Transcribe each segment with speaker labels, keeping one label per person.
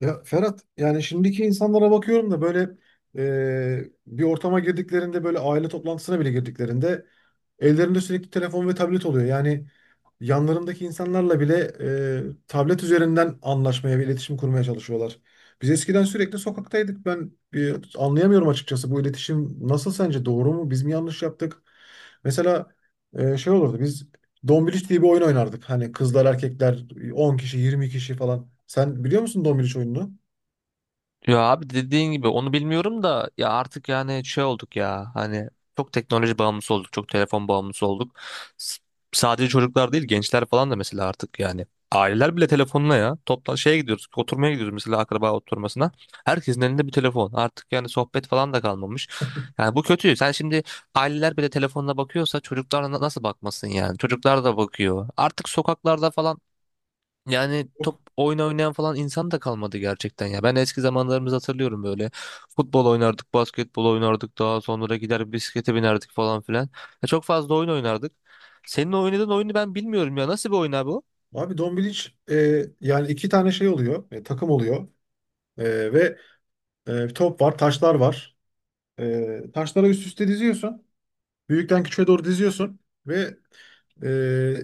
Speaker 1: Ya Ferhat, yani şimdiki insanlara bakıyorum da, böyle bir ortama girdiklerinde, böyle aile toplantısına bile girdiklerinde ellerinde sürekli telefon ve tablet oluyor. Yani yanlarındaki insanlarla bile tablet üzerinden anlaşmaya ve iletişim kurmaya çalışıyorlar. Biz eskiden sürekli sokaktaydık. Ben anlayamıyorum açıkçası, bu iletişim nasıl, sence doğru mu? Biz mi yanlış yaptık? Mesela şey olurdu, biz Dombiliç diye bir oyun oynardık. Hani kızlar, erkekler, 10 kişi, 20 kişi falan. Sen biliyor musun Dombiliç oyununu?
Speaker 2: Ya abi dediğin gibi onu bilmiyorum da ya artık olduk ya hani çok teknoloji bağımlısı olduk, çok telefon bağımlısı olduk. S- Sadece çocuklar değil, gençler falan da mesela artık yani aileler bile telefonla, ya toplan şeye gidiyoruz, oturmaya gidiyoruz mesela, akraba oturmasına herkesin elinde bir telefon, artık yani sohbet falan da kalmamış. Yani bu kötü. Sen şimdi aileler bile telefonla bakıyorsa çocuklar nasıl bakmasın? Yani çocuklar da bakıyor artık, sokaklarda falan yani
Speaker 1: Yok.
Speaker 2: top oyun oynayan falan insan da kalmadı gerçekten ya. Ben eski zamanlarımızı hatırlıyorum böyle. Futbol oynardık, basketbol oynardık, daha sonra gider bisiklete binerdik falan filan. Ya çok fazla oyun oynardık. Senin oynadığın oyunu ben bilmiyorum ya. Nasıl bir oyun abi o?
Speaker 1: Abi Dombiliç, yani iki tane şey oluyor. Takım oluyor. Ve bir top var, taşlar var. Taşları üst üste diziyorsun. Büyükten küçüğe doğru diziyorsun. Ve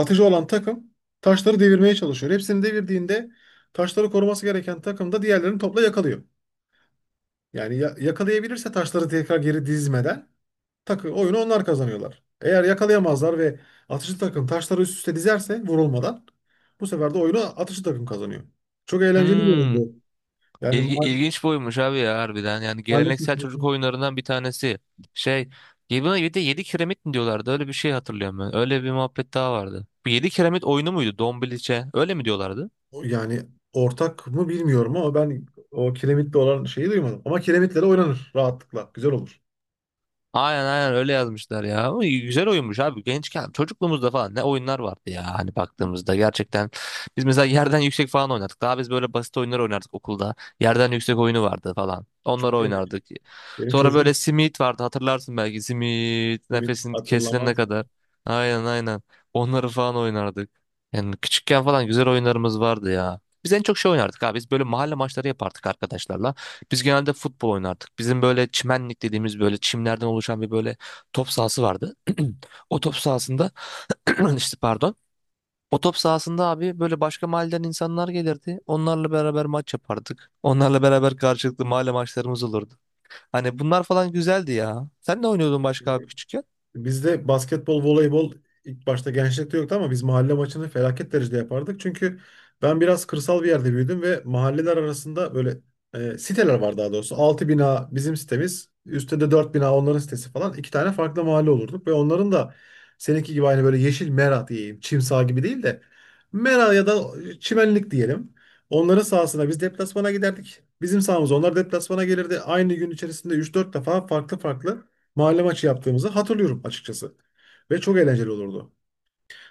Speaker 1: atıcı olan takım taşları devirmeye çalışıyor. Hepsini devirdiğinde taşları koruması gereken takım da diğerlerini topla yakalıyor. Yani yakalayabilirse taşları tekrar geri dizmeden takı, oyunu onlar kazanıyorlar. Eğer yakalayamazlar ve atıcı takım taşları üst üste dizerse vurulmadan, bu sefer de oyunu atıcı takım kazanıyor. Çok eğlenceli bir
Speaker 2: Hmm.
Speaker 1: oyundu. Yani
Speaker 2: İlgi, ilginç bir oyunmuş abi ya harbiden. Yani
Speaker 1: maalesef.
Speaker 2: geleneksel çocuk oyunlarından bir tanesi. Şey, ya buna bir de 7 kiremit mi diyorlardı? Öyle bir şey hatırlıyorum ben. Öyle bir muhabbet daha vardı. Bu 7 kiremit oyunu muydu? Dombiliçe. Öyle mi diyorlardı?
Speaker 1: Yani ortak mı bilmiyorum ama ben o kiremitle olan şeyi duymadım. Ama kiremitlere oynanır rahatlıkla. Güzel olur.
Speaker 2: Aynen aynen, öyle yazmışlar ya. Ama güzel oyunmuş abi. Gençken, çocukluğumuzda falan ne oyunlar vardı ya, hani baktığımızda gerçekten. Biz mesela yerden yüksek falan oynardık. Daha biz böyle basit oyunlar oynardık okulda. Yerden yüksek oyunu vardı falan.
Speaker 1: Çok
Speaker 2: Onları
Speaker 1: eğlenceli.
Speaker 2: oynardık.
Speaker 1: Benim
Speaker 2: Sonra
Speaker 1: çocuğum
Speaker 2: böyle simit vardı, hatırlarsın belki. Simit,
Speaker 1: kiremit
Speaker 2: nefesin kesilene
Speaker 1: hatırlamaz.
Speaker 2: kadar. Aynen aynen. Onları falan oynardık. Yani küçükken falan güzel oyunlarımız vardı ya. Biz en çok şey oynardık abi. Biz böyle mahalle maçları yapardık arkadaşlarla. Biz genelde futbol oynardık. Bizim böyle çimenlik dediğimiz, böyle çimlerden oluşan bir böyle top sahası vardı. O top sahasında işte pardon. O top sahasında abi böyle başka mahalleden insanlar gelirdi. Onlarla beraber maç yapardık. Onlarla beraber karşılıklı mahalle maçlarımız olurdu. Hani bunlar falan güzeldi ya. Sen ne oynuyordun başka abi küçükken?
Speaker 1: Bizde basketbol, voleybol ilk başta gençlikte yoktu ama biz mahalle maçını felaket derecede yapardık. Çünkü ben biraz kırsal bir yerde büyüdüm ve mahalleler arasında böyle siteler var daha doğrusu. Altı bina bizim sitemiz, üstte de 4 bina onların sitesi falan. İki tane farklı mahalle olurduk ve onların da seninki gibi aynı böyle yeşil mera diyeyim, çim saha gibi değil de mera ya da çimenlik diyelim. Onların sahasına biz deplasmana giderdik. Bizim sahamıza onlar deplasmana gelirdi. Aynı gün içerisinde üç dört defa farklı farklı mahalle maçı yaptığımızı hatırlıyorum açıkçası. Ve çok eğlenceli olurdu.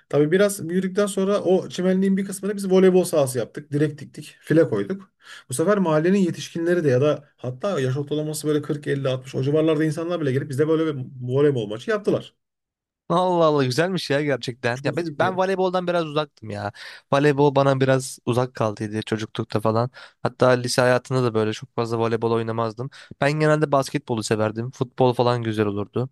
Speaker 1: Tabii biraz büyüdükten sonra o çimenliğin bir kısmını biz voleybol sahası yaptık. Direk diktik, file koyduk. Bu sefer mahallenin yetişkinleri de, ya da hatta yaş ortalaması böyle 40, 50, 60 o civarlarda insanlar bile gelip bize böyle bir voleybol maçı yaptılar.
Speaker 2: Allah Allah, güzelmiş ya gerçekten.
Speaker 1: Çok iyiydi
Speaker 2: Ben
Speaker 1: ya.
Speaker 2: voleyboldan biraz uzaktım ya. Voleybol bana biraz uzak kaldıydı çocuklukta falan. Hatta lise hayatında da böyle çok fazla voleybol oynamazdım. Ben genelde basketbolu severdim. Futbol falan güzel olurdu.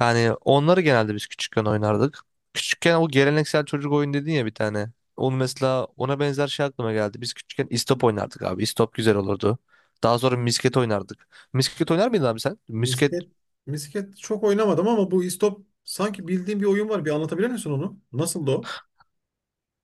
Speaker 2: Yani onları genelde biz küçükken oynardık. Küçükken o geleneksel çocuk oyun dedin ya bir tane. Onu mesela, ona benzer şey aklıma geldi. Biz küçükken istop oynardık abi. İstop güzel olurdu. Daha sonra misket oynardık. Misket oynar mıydın abi sen?
Speaker 1: Misket, misket çok oynamadım ama bu istop sanki bildiğim bir oyun var. Bir anlatabilir misin onu? Nasıldı o?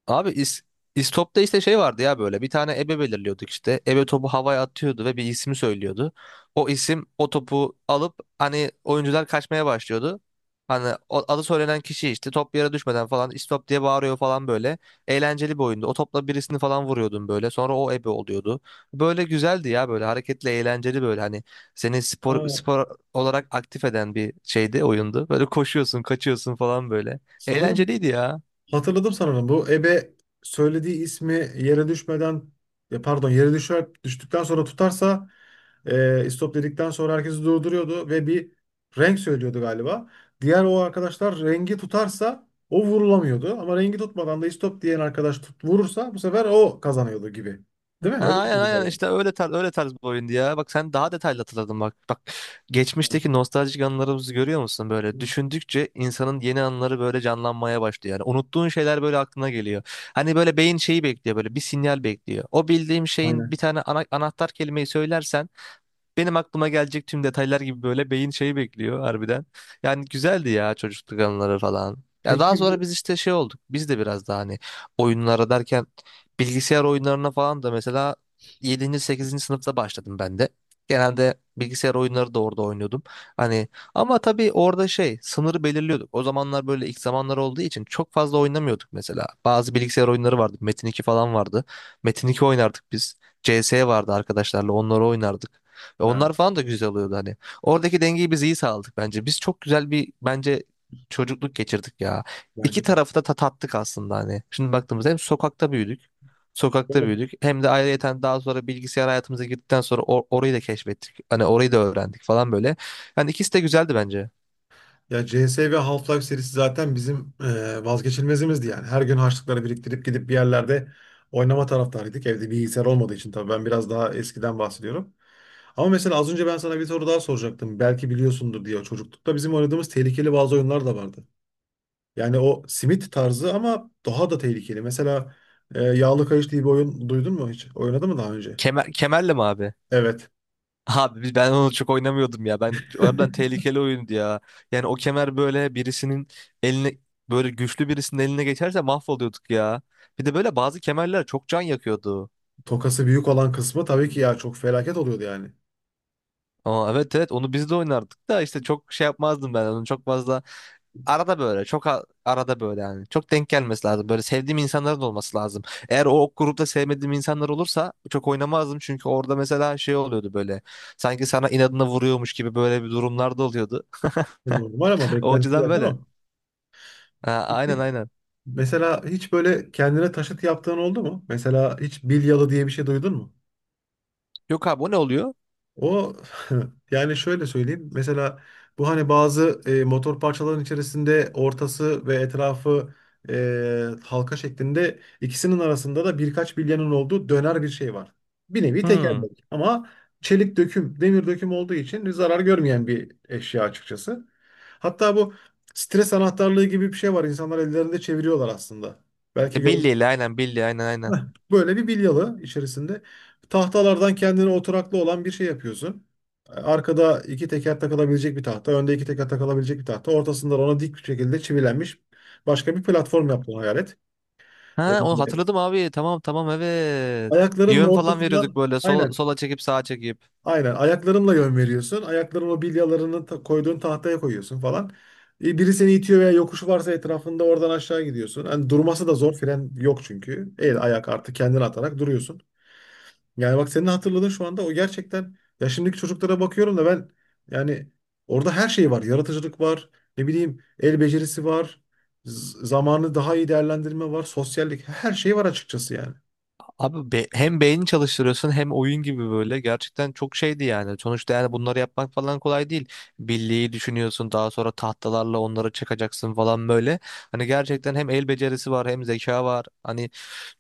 Speaker 2: Abi is, İstop'ta işte şey vardı ya, böyle bir tane ebe belirliyorduk işte. Ebe topu havaya atıyordu ve bir ismi söylüyordu. O isim o topu alıp, hani oyuncular kaçmaya başlıyordu. Hani adı söylenen kişi işte top yere düşmeden falan istop diye bağırıyor falan böyle. Eğlenceli bir oyundu. O topla birisini falan vuruyordun böyle. Sonra o ebe oluyordu. Böyle güzeldi ya, böyle hareketli, eğlenceli, böyle hani seni spor
Speaker 1: Aa,
Speaker 2: spor olarak aktif eden bir şeydi, oyundu. Böyle koşuyorsun, kaçıyorsun falan böyle.
Speaker 1: sanırım
Speaker 2: Eğlenceliydi ya.
Speaker 1: hatırladım sanırım. Bu ebe söylediği ismi yere düşmeden, ya pardon, yere düşer, düştükten sonra tutarsa stop dedikten sonra herkesi durduruyordu ve bir renk söylüyordu galiba. Diğer o arkadaşlar rengi tutarsa o vurulamıyordu. Ama rengi tutmadan da istop diyen arkadaş tut, vurursa bu sefer o kazanıyordu gibi. Değil mi?
Speaker 2: Ha,
Speaker 1: Öyle bir
Speaker 2: aynen
Speaker 1: şeydi
Speaker 2: aynen,
Speaker 1: galiba.
Speaker 2: işte öyle tarz bir oyundu ya. Bak sen daha detaylı hatırladın bak. Bak geçmişteki nostaljik anılarımızı görüyor musun böyle? Düşündükçe insanın yeni anıları böyle canlanmaya başlıyor. Yani unuttuğun şeyler böyle aklına geliyor. Hani böyle beyin şeyi bekliyor, böyle bir sinyal bekliyor. O bildiğim şeyin bir
Speaker 1: Aynen.
Speaker 2: tane anahtar kelimeyi söylersen benim aklıma gelecek tüm detaylar gibi, böyle beyin şeyi bekliyor harbiden. Yani güzeldi ya çocukluk anıları falan. Ya daha
Speaker 1: Peki
Speaker 2: sonra biz işte şey olduk. Biz de biraz daha hani oyunlara derken bilgisayar oyunlarına falan da mesela yedinci, sekizinci sınıfta başladım ben de. Genelde bilgisayar oyunları da orada oynuyordum. Hani ama tabii orada şey, sınırı belirliyorduk. O zamanlar böyle ilk zamanlar olduğu için çok fazla oynamıyorduk mesela. Bazı bilgisayar oyunları vardı. Metin 2 falan vardı. Metin 2 oynardık biz. CS vardı, arkadaşlarla onları oynardık. Ve
Speaker 1: yani,
Speaker 2: onlar falan da güzel oluyordu hani. Oradaki dengeyi biz iyi sağladık bence. Biz çok güzel bir bence çocukluk geçirdik ya. İki
Speaker 1: bence de.
Speaker 2: tarafı da tat aslında hani. Şimdi baktığımızda hem sokakta büyüdük. Sokakta
Speaker 1: Doğru.
Speaker 2: büyüdük. Hem de ayrıyeten daha sonra bilgisayar hayatımıza girdikten sonra orayı da keşfettik. Hani orayı da öğrendik falan böyle. Yani ikisi de güzeldi bence.
Speaker 1: Ya CS ve Half-Life serisi zaten bizim vazgeçilmezimizdi yani. Her gün harçlıkları biriktirip gidip bir yerlerde oynama taraftarıydık. Evde bilgisayar olmadığı için, tabii ben biraz daha eskiden bahsediyorum. Ama mesela az önce ben sana bir soru daha soracaktım. Belki biliyorsundur diye, çocuklukta bizim oynadığımız tehlikeli bazı oyunlar da vardı. Yani o simit tarzı ama daha da tehlikeli. Mesela Yağlı Kayış diye bir oyun duydun mu hiç? Oynadın mı daha önce?
Speaker 2: Kemer, kemerle mi abi?
Speaker 1: Evet.
Speaker 2: Ben onu çok oynamıyordum ya. Ben oradan tehlikeli oyundu ya. Yani o kemer böyle birisinin eline böyle güçlü birisinin eline geçerse mahvoluyorduk ya. Bir de böyle bazı kemerler çok can yakıyordu.
Speaker 1: Tokası büyük olan kısmı tabii ki ya, çok felaket oluyordu yani.
Speaker 2: Aa, evet evet, onu biz de oynardık da işte çok şey yapmazdım ben onu çok fazla, arada böyle çok arada böyle, yani çok denk gelmesi lazım, böyle sevdiğim insanların olması lazım. Eğer o ok grupta sevmediğim insanlar olursa çok oynamazdım, çünkü orada mesela şey oluyordu böyle, sanki sana inadına vuruyormuş gibi böyle bir durumlar da oluyordu.
Speaker 1: Normal, ama
Speaker 2: O
Speaker 1: beklenti
Speaker 2: açıdan
Speaker 1: zaten
Speaker 2: böyle.
Speaker 1: o.
Speaker 2: Ha, aynen aynen.
Speaker 1: Mesela hiç böyle kendine taşıt yaptığın oldu mu? Mesela hiç bilyalı diye bir şey duydun mu?
Speaker 2: Yok abi, o ne oluyor?
Speaker 1: O yani, şöyle söyleyeyim. Mesela bu hani bazı motor parçaların içerisinde ortası ve etrafı halka şeklinde, ikisinin arasında da birkaç bilyanın olduğu döner bir şey var. Bir nevi
Speaker 2: Hmm.
Speaker 1: tekerlek ama çelik döküm, demir döküm olduğu için zarar görmeyen bir eşya açıkçası. Hatta bu stres anahtarlığı gibi bir şey var. İnsanlar ellerinde çeviriyorlar aslında.
Speaker 2: E,
Speaker 1: Belki gör.
Speaker 2: Billy ile aynen, Billy, aynen aynen.
Speaker 1: Heh, böyle bir bilyalı içerisinde tahtalardan kendine oturaklı olan bir şey yapıyorsun. Arkada iki teker takılabilecek bir tahta, önde iki teker takılabilecek bir tahta. Ortasında ona dik bir şekilde çivilenmiş başka bir platform yaptığını hayal et. Ee,
Speaker 2: Ha, onu hatırladım abi. Tamam tamam, evet.
Speaker 1: ayaklarının
Speaker 2: Yön falan veriyorduk
Speaker 1: ortasından,
Speaker 2: böyle, sola,
Speaker 1: aynen
Speaker 2: sola çekip, sağa çekip.
Speaker 1: aynen ayaklarınla yön veriyorsun. Ayaklarını o bilyalarını koyduğun tahtaya koyuyorsun falan. Biri seni itiyor veya yokuşu varsa etrafında, oradan aşağı gidiyorsun. Hani durması da zor, fren yok çünkü. El ayak artık, kendini atarak duruyorsun. Yani bak, senin hatırladığın şu anda o gerçekten ya, şimdiki çocuklara bakıyorum da ben, yani orada her şey var. Yaratıcılık var. Ne bileyim, el becerisi var. Zamanı daha iyi değerlendirme var. Sosyallik, her şey var açıkçası yani.
Speaker 2: Abi hem beyni çalıştırıyorsun hem oyun gibi, böyle gerçekten çok şeydi yani. Sonuçta yani bunları yapmak falan kolay değil. Birliği düşünüyorsun, daha sonra tahtalarla onları çakacaksın falan böyle. Hani gerçekten hem el becerisi var hem zeka var. Hani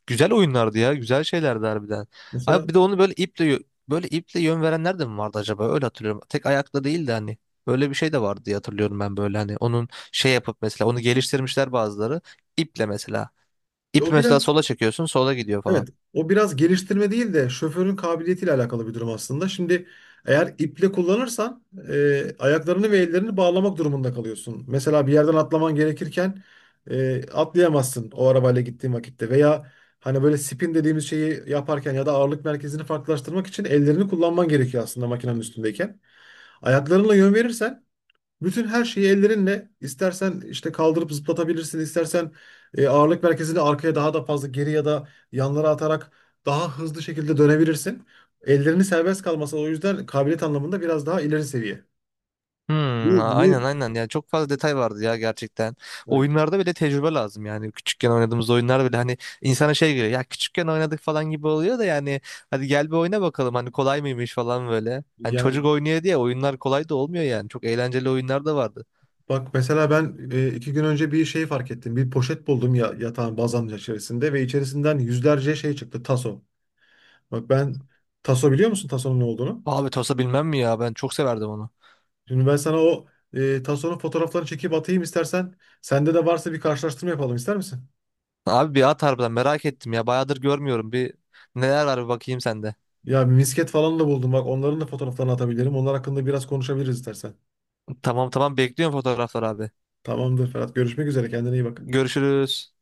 Speaker 2: güzel oyunlardı ya, güzel şeylerdi harbiden. Abi
Speaker 1: Mesela
Speaker 2: bir de onu böyle böyle iple yön verenler de mi vardı acaba, öyle hatırlıyorum. Tek ayakla değil de hani. Böyle bir şey de vardı diye hatırlıyorum ben, böyle hani onun şey yapıp mesela onu geliştirmişler bazıları, iple mesela. İp
Speaker 1: o
Speaker 2: mesela,
Speaker 1: biraz
Speaker 2: sola çekiyorsun sola gidiyor falan.
Speaker 1: Evet, o biraz geliştirme değil de şoförün kabiliyetiyle alakalı bir durum aslında. Şimdi eğer iple kullanırsan ayaklarını ve ellerini bağlamak durumunda kalıyorsun. Mesela bir yerden atlaman gerekirken atlayamazsın o arabayla gittiğin vakitte, veya hani böyle spin dediğimiz şeyi yaparken, ya da ağırlık merkezini farklılaştırmak için ellerini kullanman gerekiyor aslında makinenin üstündeyken. Ayaklarınla yön verirsen bütün her şeyi, ellerinle istersen işte kaldırıp zıplatabilirsin, istersen ağırlık merkezini arkaya daha da fazla geri ya da yanlara atarak daha hızlı şekilde dönebilirsin. Ellerini serbest kalması, o yüzden kabiliyet anlamında biraz daha ileri seviye.
Speaker 2: Hmm,
Speaker 1: Bu niye?
Speaker 2: aynen aynen, yani çok fazla detay vardı ya gerçekten.
Speaker 1: Evet.
Speaker 2: Oyunlarda bile tecrübe lazım yani. Küçükken oynadığımız oyunlar bile hani insana şey geliyor ya, küçükken oynadık falan gibi oluyor da, yani hadi gel bir oyna bakalım hani, kolay mıymış falan böyle. Hani
Speaker 1: Yani
Speaker 2: çocuk oynuyor diye oyunlar kolay da olmuyor yani. Çok eğlenceli oyunlar da vardı.
Speaker 1: bak mesela ben 2 gün önce bir şey fark ettim. Bir poşet buldum ya yatağın bazanın içerisinde, ve içerisinden yüzlerce şey çıktı, taso. Bak ben taso, biliyor musun tasonun ne olduğunu?
Speaker 2: Abi Tosa bilmem mi ya, ben çok severdim onu.
Speaker 1: Şimdi ben sana o Tason'un fotoğraflarını çekip atayım istersen. Sende de varsa bir karşılaştırma yapalım ister misin?
Speaker 2: Abi bir at, harbiden merak ettim ya, bayağıdır görmüyorum. Bir neler var bir bakayım sende.
Speaker 1: Ya bir misket falan da buldum, bak onların da fotoğraflarını atabilirim. Onlar hakkında biraz konuşabiliriz istersen.
Speaker 2: Tamam tamam, bekliyorum fotoğraflar abi.
Speaker 1: Tamamdır Ferhat. Görüşmek üzere. Kendine iyi bak.
Speaker 2: Görüşürüz.